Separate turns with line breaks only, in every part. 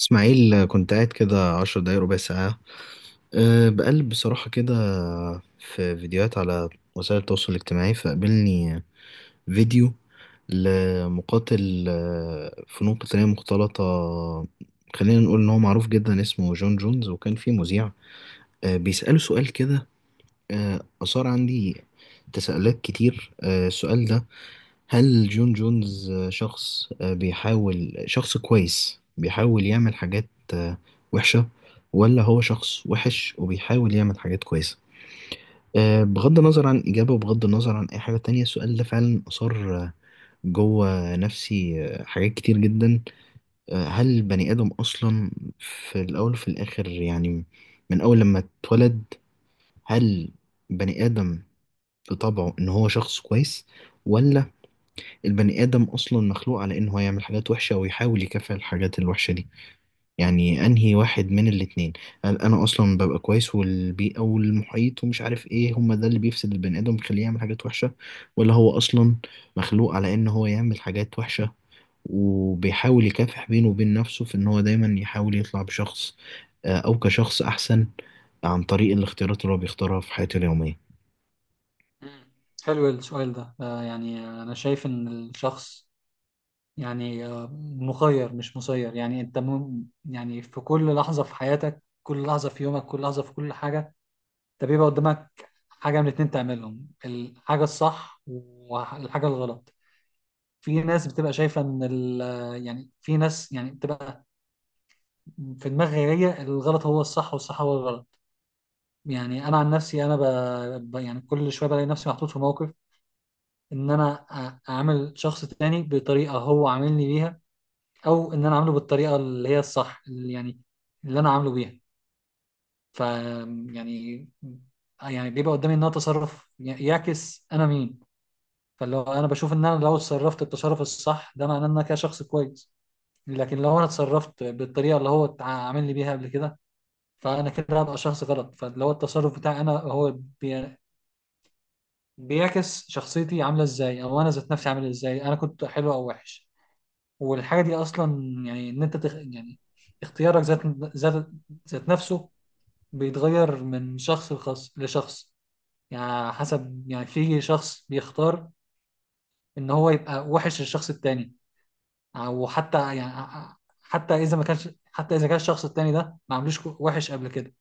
اسماعيل، كنت قاعد كده 10 دقايق ربع ساعة. بقلب بصراحة كده في فيديوهات على وسائل التواصل الاجتماعي، فقابلني فيديو لمقاتل، فنون قتالية مختلطة. خلينا نقول إن هو معروف جدا، اسمه جون جونز، وكان فيه مذيع بيسأله سؤال كده. أثار عندي تساؤلات كتير. السؤال ده: هل جون جونز شخص، بيحاول، شخص كويس بيحاول يعمل حاجات آه، وحشة، ولا هو شخص وحش وبيحاول يعمل حاجات كويسة؟ بغض النظر عن إجابة وبغض النظر عن أي حاجة تانية، السؤال ده فعلا أثار جوه نفسي حاجات كتير جدا. هل البني آدم أصلا في الأول وفي الآخر، يعني من أول لما اتولد، هل بني آدم لطبعه ان هو شخص كويس، ولا البني ادم اصلا مخلوق على ان هو يعمل حاجات وحشه ويحاول يكافئ الحاجات الوحشه دي؟ يعني انهي واحد من الاتنين؟ هل انا اصلا ببقى كويس والبيئه والمحيط ومش عارف ايه هما ده اللي بيفسد البني ادم، بيخليه يعمل حاجات وحشه، ولا هو اصلا مخلوق على ان هو يعمل حاجات وحشه وبيحاول يكافح بينه وبين نفسه في ان هو دايما يحاول يطلع بشخص، او كشخص احسن، عن طريق الاختيارات اللي هو بيختارها في حياته اليوميه؟
مم. حلو السؤال ده يعني أنا شايف إن الشخص يعني مخير مش مسير. يعني أنت يعني في كل لحظة في حياتك، كل لحظة في يومك، كل لحظة في كل حاجة، أنت بيبقى قدامك حاجة من اتنين تعملهم: الحاجة الصح والحاجة الغلط. في ناس بتبقى شايفة إن يعني في ناس يعني بتبقى في دماغها هي الغلط هو الصح والصح هو الغلط. يعني أنا عن نفسي أنا يعني كل شوية بلاقي نفسي محطوط في موقف، ان انا اعمل شخص تاني بطريقه هو عاملني بيها، او ان انا عامله بالطريقه اللي هي الصح، اللي يعني اللي انا عامله بيها. ف يعني يعني بيبقى قدامي ان انا تصرف يعكس انا مين. فلو انا بشوف ان انا لو اتصرفت التصرف الصح ده معناه ان انا كده شخص كويس، لكن لو انا اتصرفت بالطريقه اللي هو عامل لي بيها قبل كده فانا كده هبقى شخص غلط. فاللي هو التصرف بتاعي انا هو بي... بيعكس شخصيتي عامله ازاي، او انا ذات نفسي عامل ازاي، انا كنت حلو او وحش. والحاجه دي اصلا يعني ان انت يعني اختيارك ذات ذات نفسه بيتغير من شخص لشخص. يعني حسب، يعني في شخص بيختار ان هو يبقى وحش للشخص التاني، او حتى يعني حتى اذا ما كانش، حتى اذا كان الشخص التاني ده ما عملوش وحش قبل كده،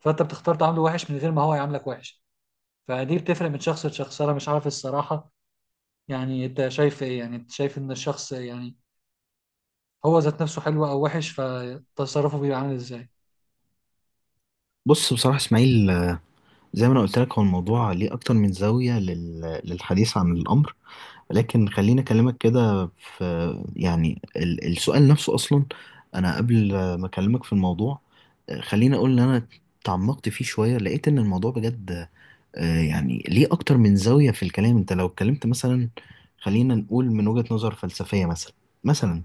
فانت بتختار تعامله وحش من غير ما هو يعاملك وحش. فدي بتفرق من شخص لشخص، انا مش عارف الصراحه. يعني انت شايف ايه؟ يعني انت شايف ان الشخص يعني هو ذات نفسه حلو او وحش فتصرفه بيبقى عامل ازاي؟
بص بصراحه اسماعيل، زي ما انا قلت لك، هو الموضوع ليه اكتر من زاوية للحديث عن الامر. لكن خليني اكلمك كده في، يعني، السؤال نفسه اصلا، انا قبل ما اكلمك في الموضوع خليني اقول ان انا تعمقت فيه شوية، لقيت ان الموضوع بجد يعني ليه اكتر من زاوية في الكلام. انت لو اتكلمت مثلا، خلينا نقول من وجهة نظر فلسفية مثلا، مثلا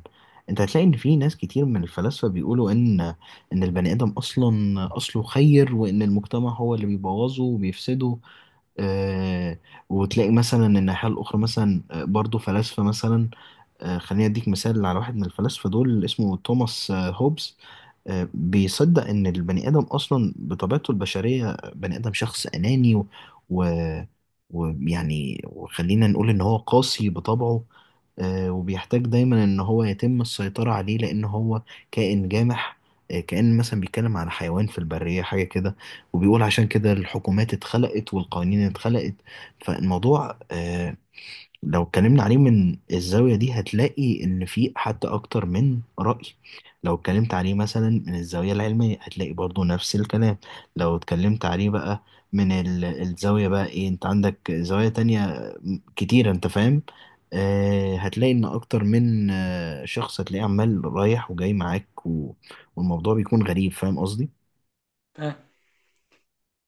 انت هتلاقي ان في ناس كتير من الفلاسفة بيقولوا ان البني ادم اصلا اصله خير، وان المجتمع هو اللي بيبوظه وبيفسده. آه وتلاقي مثلا ان الناحية الاخرى مثلا برضو فلاسفة مثلا. خليني اديك مثال على واحد من الفلاسفة دول، اسمه توماس هوبز. بيصدق ان البني ادم اصلا بطبيعته البشريه، بني ادم شخص اناني و... ويعني، وخلينا نقول ان هو قاسي بطبعه. وبيحتاج دايما ان هو يتم السيطره عليه لان هو كائن جامح. كأن مثلا بيتكلم على حيوان في البرية حاجة كده. وبيقول عشان كده الحكومات اتخلقت والقوانين اتخلقت. فالموضوع، لو اتكلمنا عليه من الزاوية دي هتلاقي إن في حتى أكتر من رأي. لو اتكلمت عليه مثلا من الزاوية العلمية هتلاقي برضو نفس الكلام. لو اتكلمت عليه بقى من الزاوية، بقى إيه؟ أنت عندك زوايا تانية كتيرة، أنت فاهم. هتلاقي إن أكتر من شخص هتلاقيه عمال رايح وجاي معاك، والموضوع بيكون غريب، فاهم قصدي؟
ف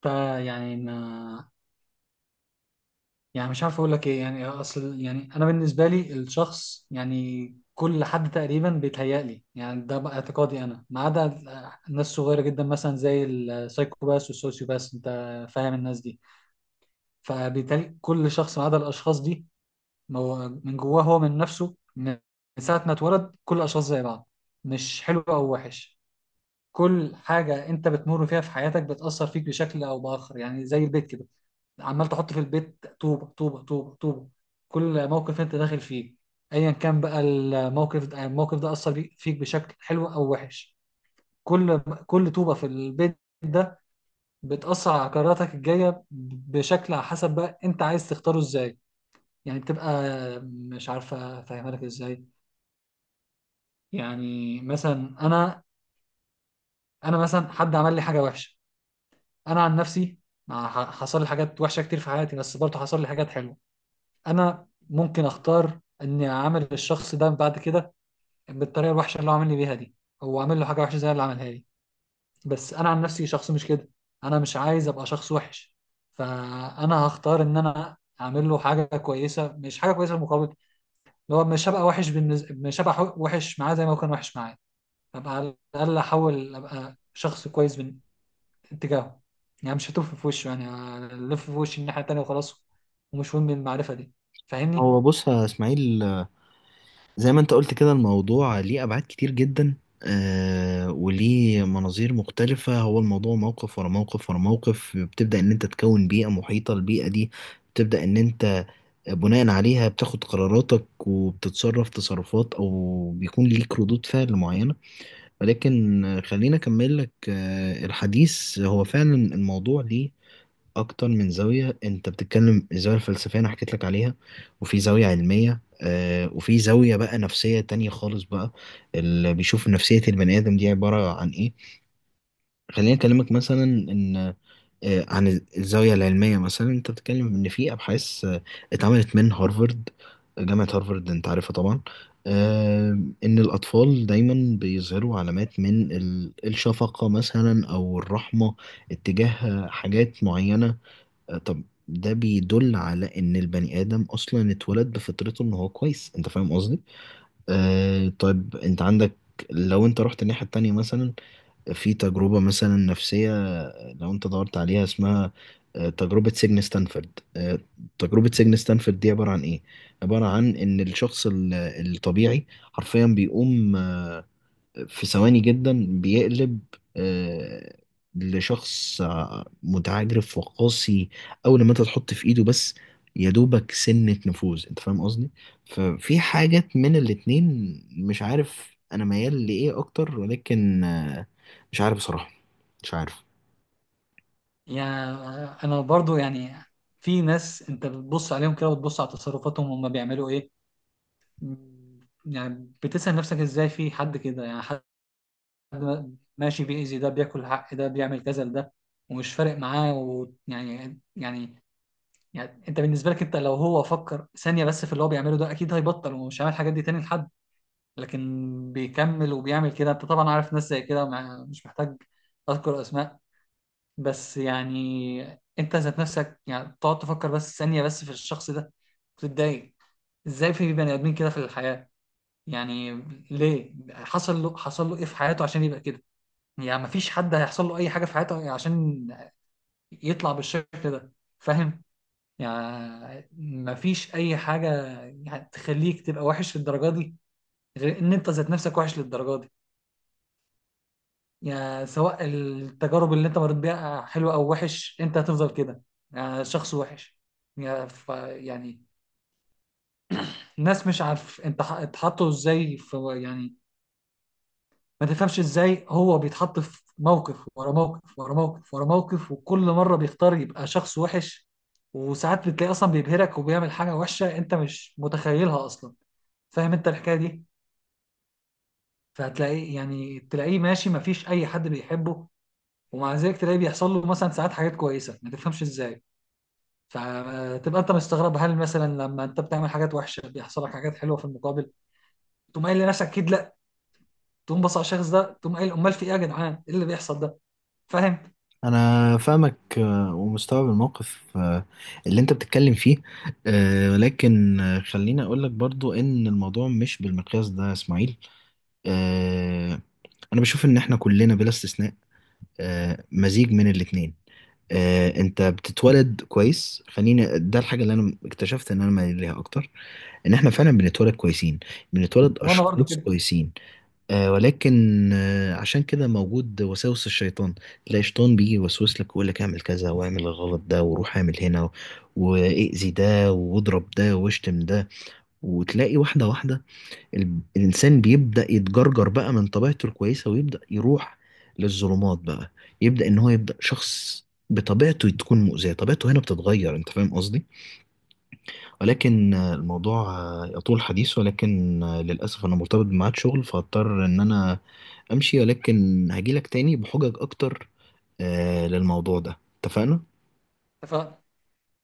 ف- يعني ما يعني مش عارف اقول لك ايه. يعني اصل يعني انا بالنسبه لي الشخص، يعني كل حد تقريبا بيتهيألي، يعني ده بقى اعتقادي انا، ما عدا الناس صغيره جدا مثلا زي السايكوباس والسوسيوباس، انت فاهم الناس دي. فبالتالي كل شخص ما عدا الاشخاص دي، هو من جواه، هو من نفسه، من ساعه ما اتولد كل الاشخاص زي بعض، مش حلو او وحش. كل حاجه انت بتمر فيها في حياتك بتأثر فيك بشكل او بآخر، يعني زي البيت كده، عمال تحط في البيت طوبة طوبة طوبة طوبة. كل موقف انت داخل فيه، ايا كان بقى الموقف ده، الموقف ده اثر فيك بشكل حلو او وحش. كل كل طوبة في البيت ده بتأثر على قراراتك الجاية، بشكل على حسب بقى انت عايز تختاره ازاي. يعني بتبقى، مش عارفة افهمها لك ازاي. يعني مثلا انا مثلا حد عمل لي حاجة وحشة، انا عن نفسي حصل لي حاجات وحشة كتير في حياتي، بس برضه حصل لي حاجات حلوة. انا ممكن اختار اني اعامل الشخص ده بعد كده بالطريقه الوحشه اللي هو عامل لي بيها دي، هو عامل له حاجه وحشه زي اللي عملها لي. بس انا عن نفسي شخص مش كده، انا مش عايز ابقى شخص وحش. فانا هختار ان انا اعمل له حاجه كويسه، مش حاجه كويسه مقابل، اللي هو مش هبقى وحش بالنسبه، مش هبقى وحش معاه زي ما هو كان وحش معايا. ابقى على الاقل احاول ابقى شخص كويس من اتجاهه. يعني مش هتلف في وشه، يعني ألف في وشي الناحيه التانيه وخلاص، ومش مهم المعرفه دي. فاهمني؟
هو بص يا إسماعيل، زي ما انت قلت كده، الموضوع ليه ابعاد كتير جدا. وليه مناظير مختلفة. هو الموضوع موقف ورا موقف ورا موقف، بتبدأ ان انت تكون بيئة محيطة، البيئة دي بتبدأ ان انت بناء عليها بتاخد قراراتك وبتتصرف تصرفات، او بيكون ليك ردود فعل معينة. ولكن، خليني اكمل لك الحديث. هو فعلا الموضوع ليه اكتر من زاويه. انت بتتكلم، الزاويه الفلسفيه انا حكيت لك عليها، وفي زاويه علميه، وفي زاويه بقى نفسيه تانية خالص، بقى اللي بيشوف نفسيه البني ادم دي عباره عن ايه. خليني اكلمك مثلا ان، عن الزاوية العلمية مثلا، انت بتتكلم ان في ابحاث اتعملت من هارفارد، جامعة هارفارد انت عارفها طبعا. آه، ان الاطفال دايما بيظهروا علامات من الشفقة مثلا او الرحمة اتجاه حاجات معينة. طب ده بيدل على ان البني ادم اصلا اتولد بفطرته ان هو كويس، انت فاهم قصدي. طيب انت عندك، لو انت رحت الناحية التانية مثلا، في تجربة مثلا نفسية، لو انت دورت عليها، اسمها تجربة سجن ستانفورد. تجربة سجن ستانفورد دي عبارة عن ايه؟ عبارة عن ان الشخص الطبيعي حرفيا بيقوم، في ثواني جدا بيقلب آه، لشخص متعجرف وقاسي، اول ما انت تحط في ايده بس يا دوبك سنة نفوذ، انت فاهم قصدي. ففي حاجات من الاتنين، مش عارف انا ميال لايه اكتر، ولكن مش عارف بصراحة، مش عارف.
يعني انا برضو يعني في ناس انت بتبص عليهم كده وتبص على تصرفاتهم هم بيعملوا ايه. يعني بتسأل نفسك ازاي في حد كده، يعني حد ماشي بيأذي ده، بياكل حق ده، بيعمل كذا لده، ومش فارق معاه. ويعني يعني يعني انت بالنسبه لك، انت لو هو فكر ثانيه بس في اللي هو بيعمله ده اكيد هيبطل ومش هيعمل الحاجات دي تاني لحد، لكن بيكمل وبيعمل كده. انت طبعا عارف ناس زي كده، مش محتاج اذكر اسماء. بس يعني انت ذات نفسك يعني تقعد تفكر بس ثانية بس في الشخص ده، تتضايق ازاي في بني ادمين كده في الحياة. يعني ليه؟ حصل له ايه في حياته عشان يبقى كده؟ يعني مفيش حد هيحصل له اي حاجة في حياته عشان يطلع بالشكل ده، فاهم؟ يعني مفيش اي حاجة يعني تخليك تبقى وحش للدرجة دي غير ان انت ذات نفسك وحش للدرجة دي. يعني سواء التجارب اللي انت مريت بيها حلوة او وحش، انت هتفضل كده، يعني شخص وحش. يعني ف يعني الناس، مش عارف انت اتحطوا ازاي في، يعني ما تفهمش ازاي هو بيتحط في موقف ورا موقف ورا موقف ورا موقف وكل مرة بيختار يبقى شخص وحش. وساعات بتلاقي اصلا بيبهرك وبيعمل حاجة وحشة انت مش متخيلها اصلا، فاهم انت الحكاية دي؟ فهتلاقيه، يعني تلاقيه ماشي ما فيش اي حد بيحبه، ومع ذلك تلاقيه بيحصل له مثلا ساعات حاجات كويسة ما تفهمش ازاي. فتبقى انت مستغرب، هل مثلا لما انت بتعمل حاجات وحشه بيحصل لك حاجات حلوه في المقابل؟ تقوم قايل لنفسك اكيد لا. تقوم بص على الشخص ده تقوم قايل: امال في ايه يا جدعان، ايه اللي بيحصل ده؟ فاهم.
انا فاهمك، ومستوعب الموقف اللي انت بتتكلم فيه. ولكن، خليني اقولك برضو ان الموضوع مش بالمقياس ده يا اسماعيل. آه، انا بشوف ان احنا كلنا بلا استثناء مزيج من الاتنين. انت بتتولد كويس، خليني، ده الحاجه اللي انا اكتشفت ان انا مايل ليها اكتر، ان احنا فعلا بنتولد كويسين، بنتولد
وانا برضو
اشخاص
كده.
كويسين. ولكن عشان كده موجود وساوس الشيطان، تلاقي شيطان بيجي يوسوس لك ويقول لك اعمل كذا واعمل الغلط ده وروح اعمل هنا، واذي ده واضرب ده واشتم ده. وتلاقي واحده واحده الإنسان بيبدأ يتجرجر بقى من طبيعته الكويسة، ويبدأ يروح للظلمات بقى، يبدأ إن هو يبدأ شخص بطبيعته تكون مؤذية، طبيعته هنا بتتغير، أنت فاهم قصدي. ولكن، الموضوع يطول حديث، ولكن للأسف أنا مرتبط بميعاد شغل فاضطر إن أنا أمشي، ولكن هجيلك تاني بحجج أكتر للموضوع ده، اتفقنا؟
اتفقنا.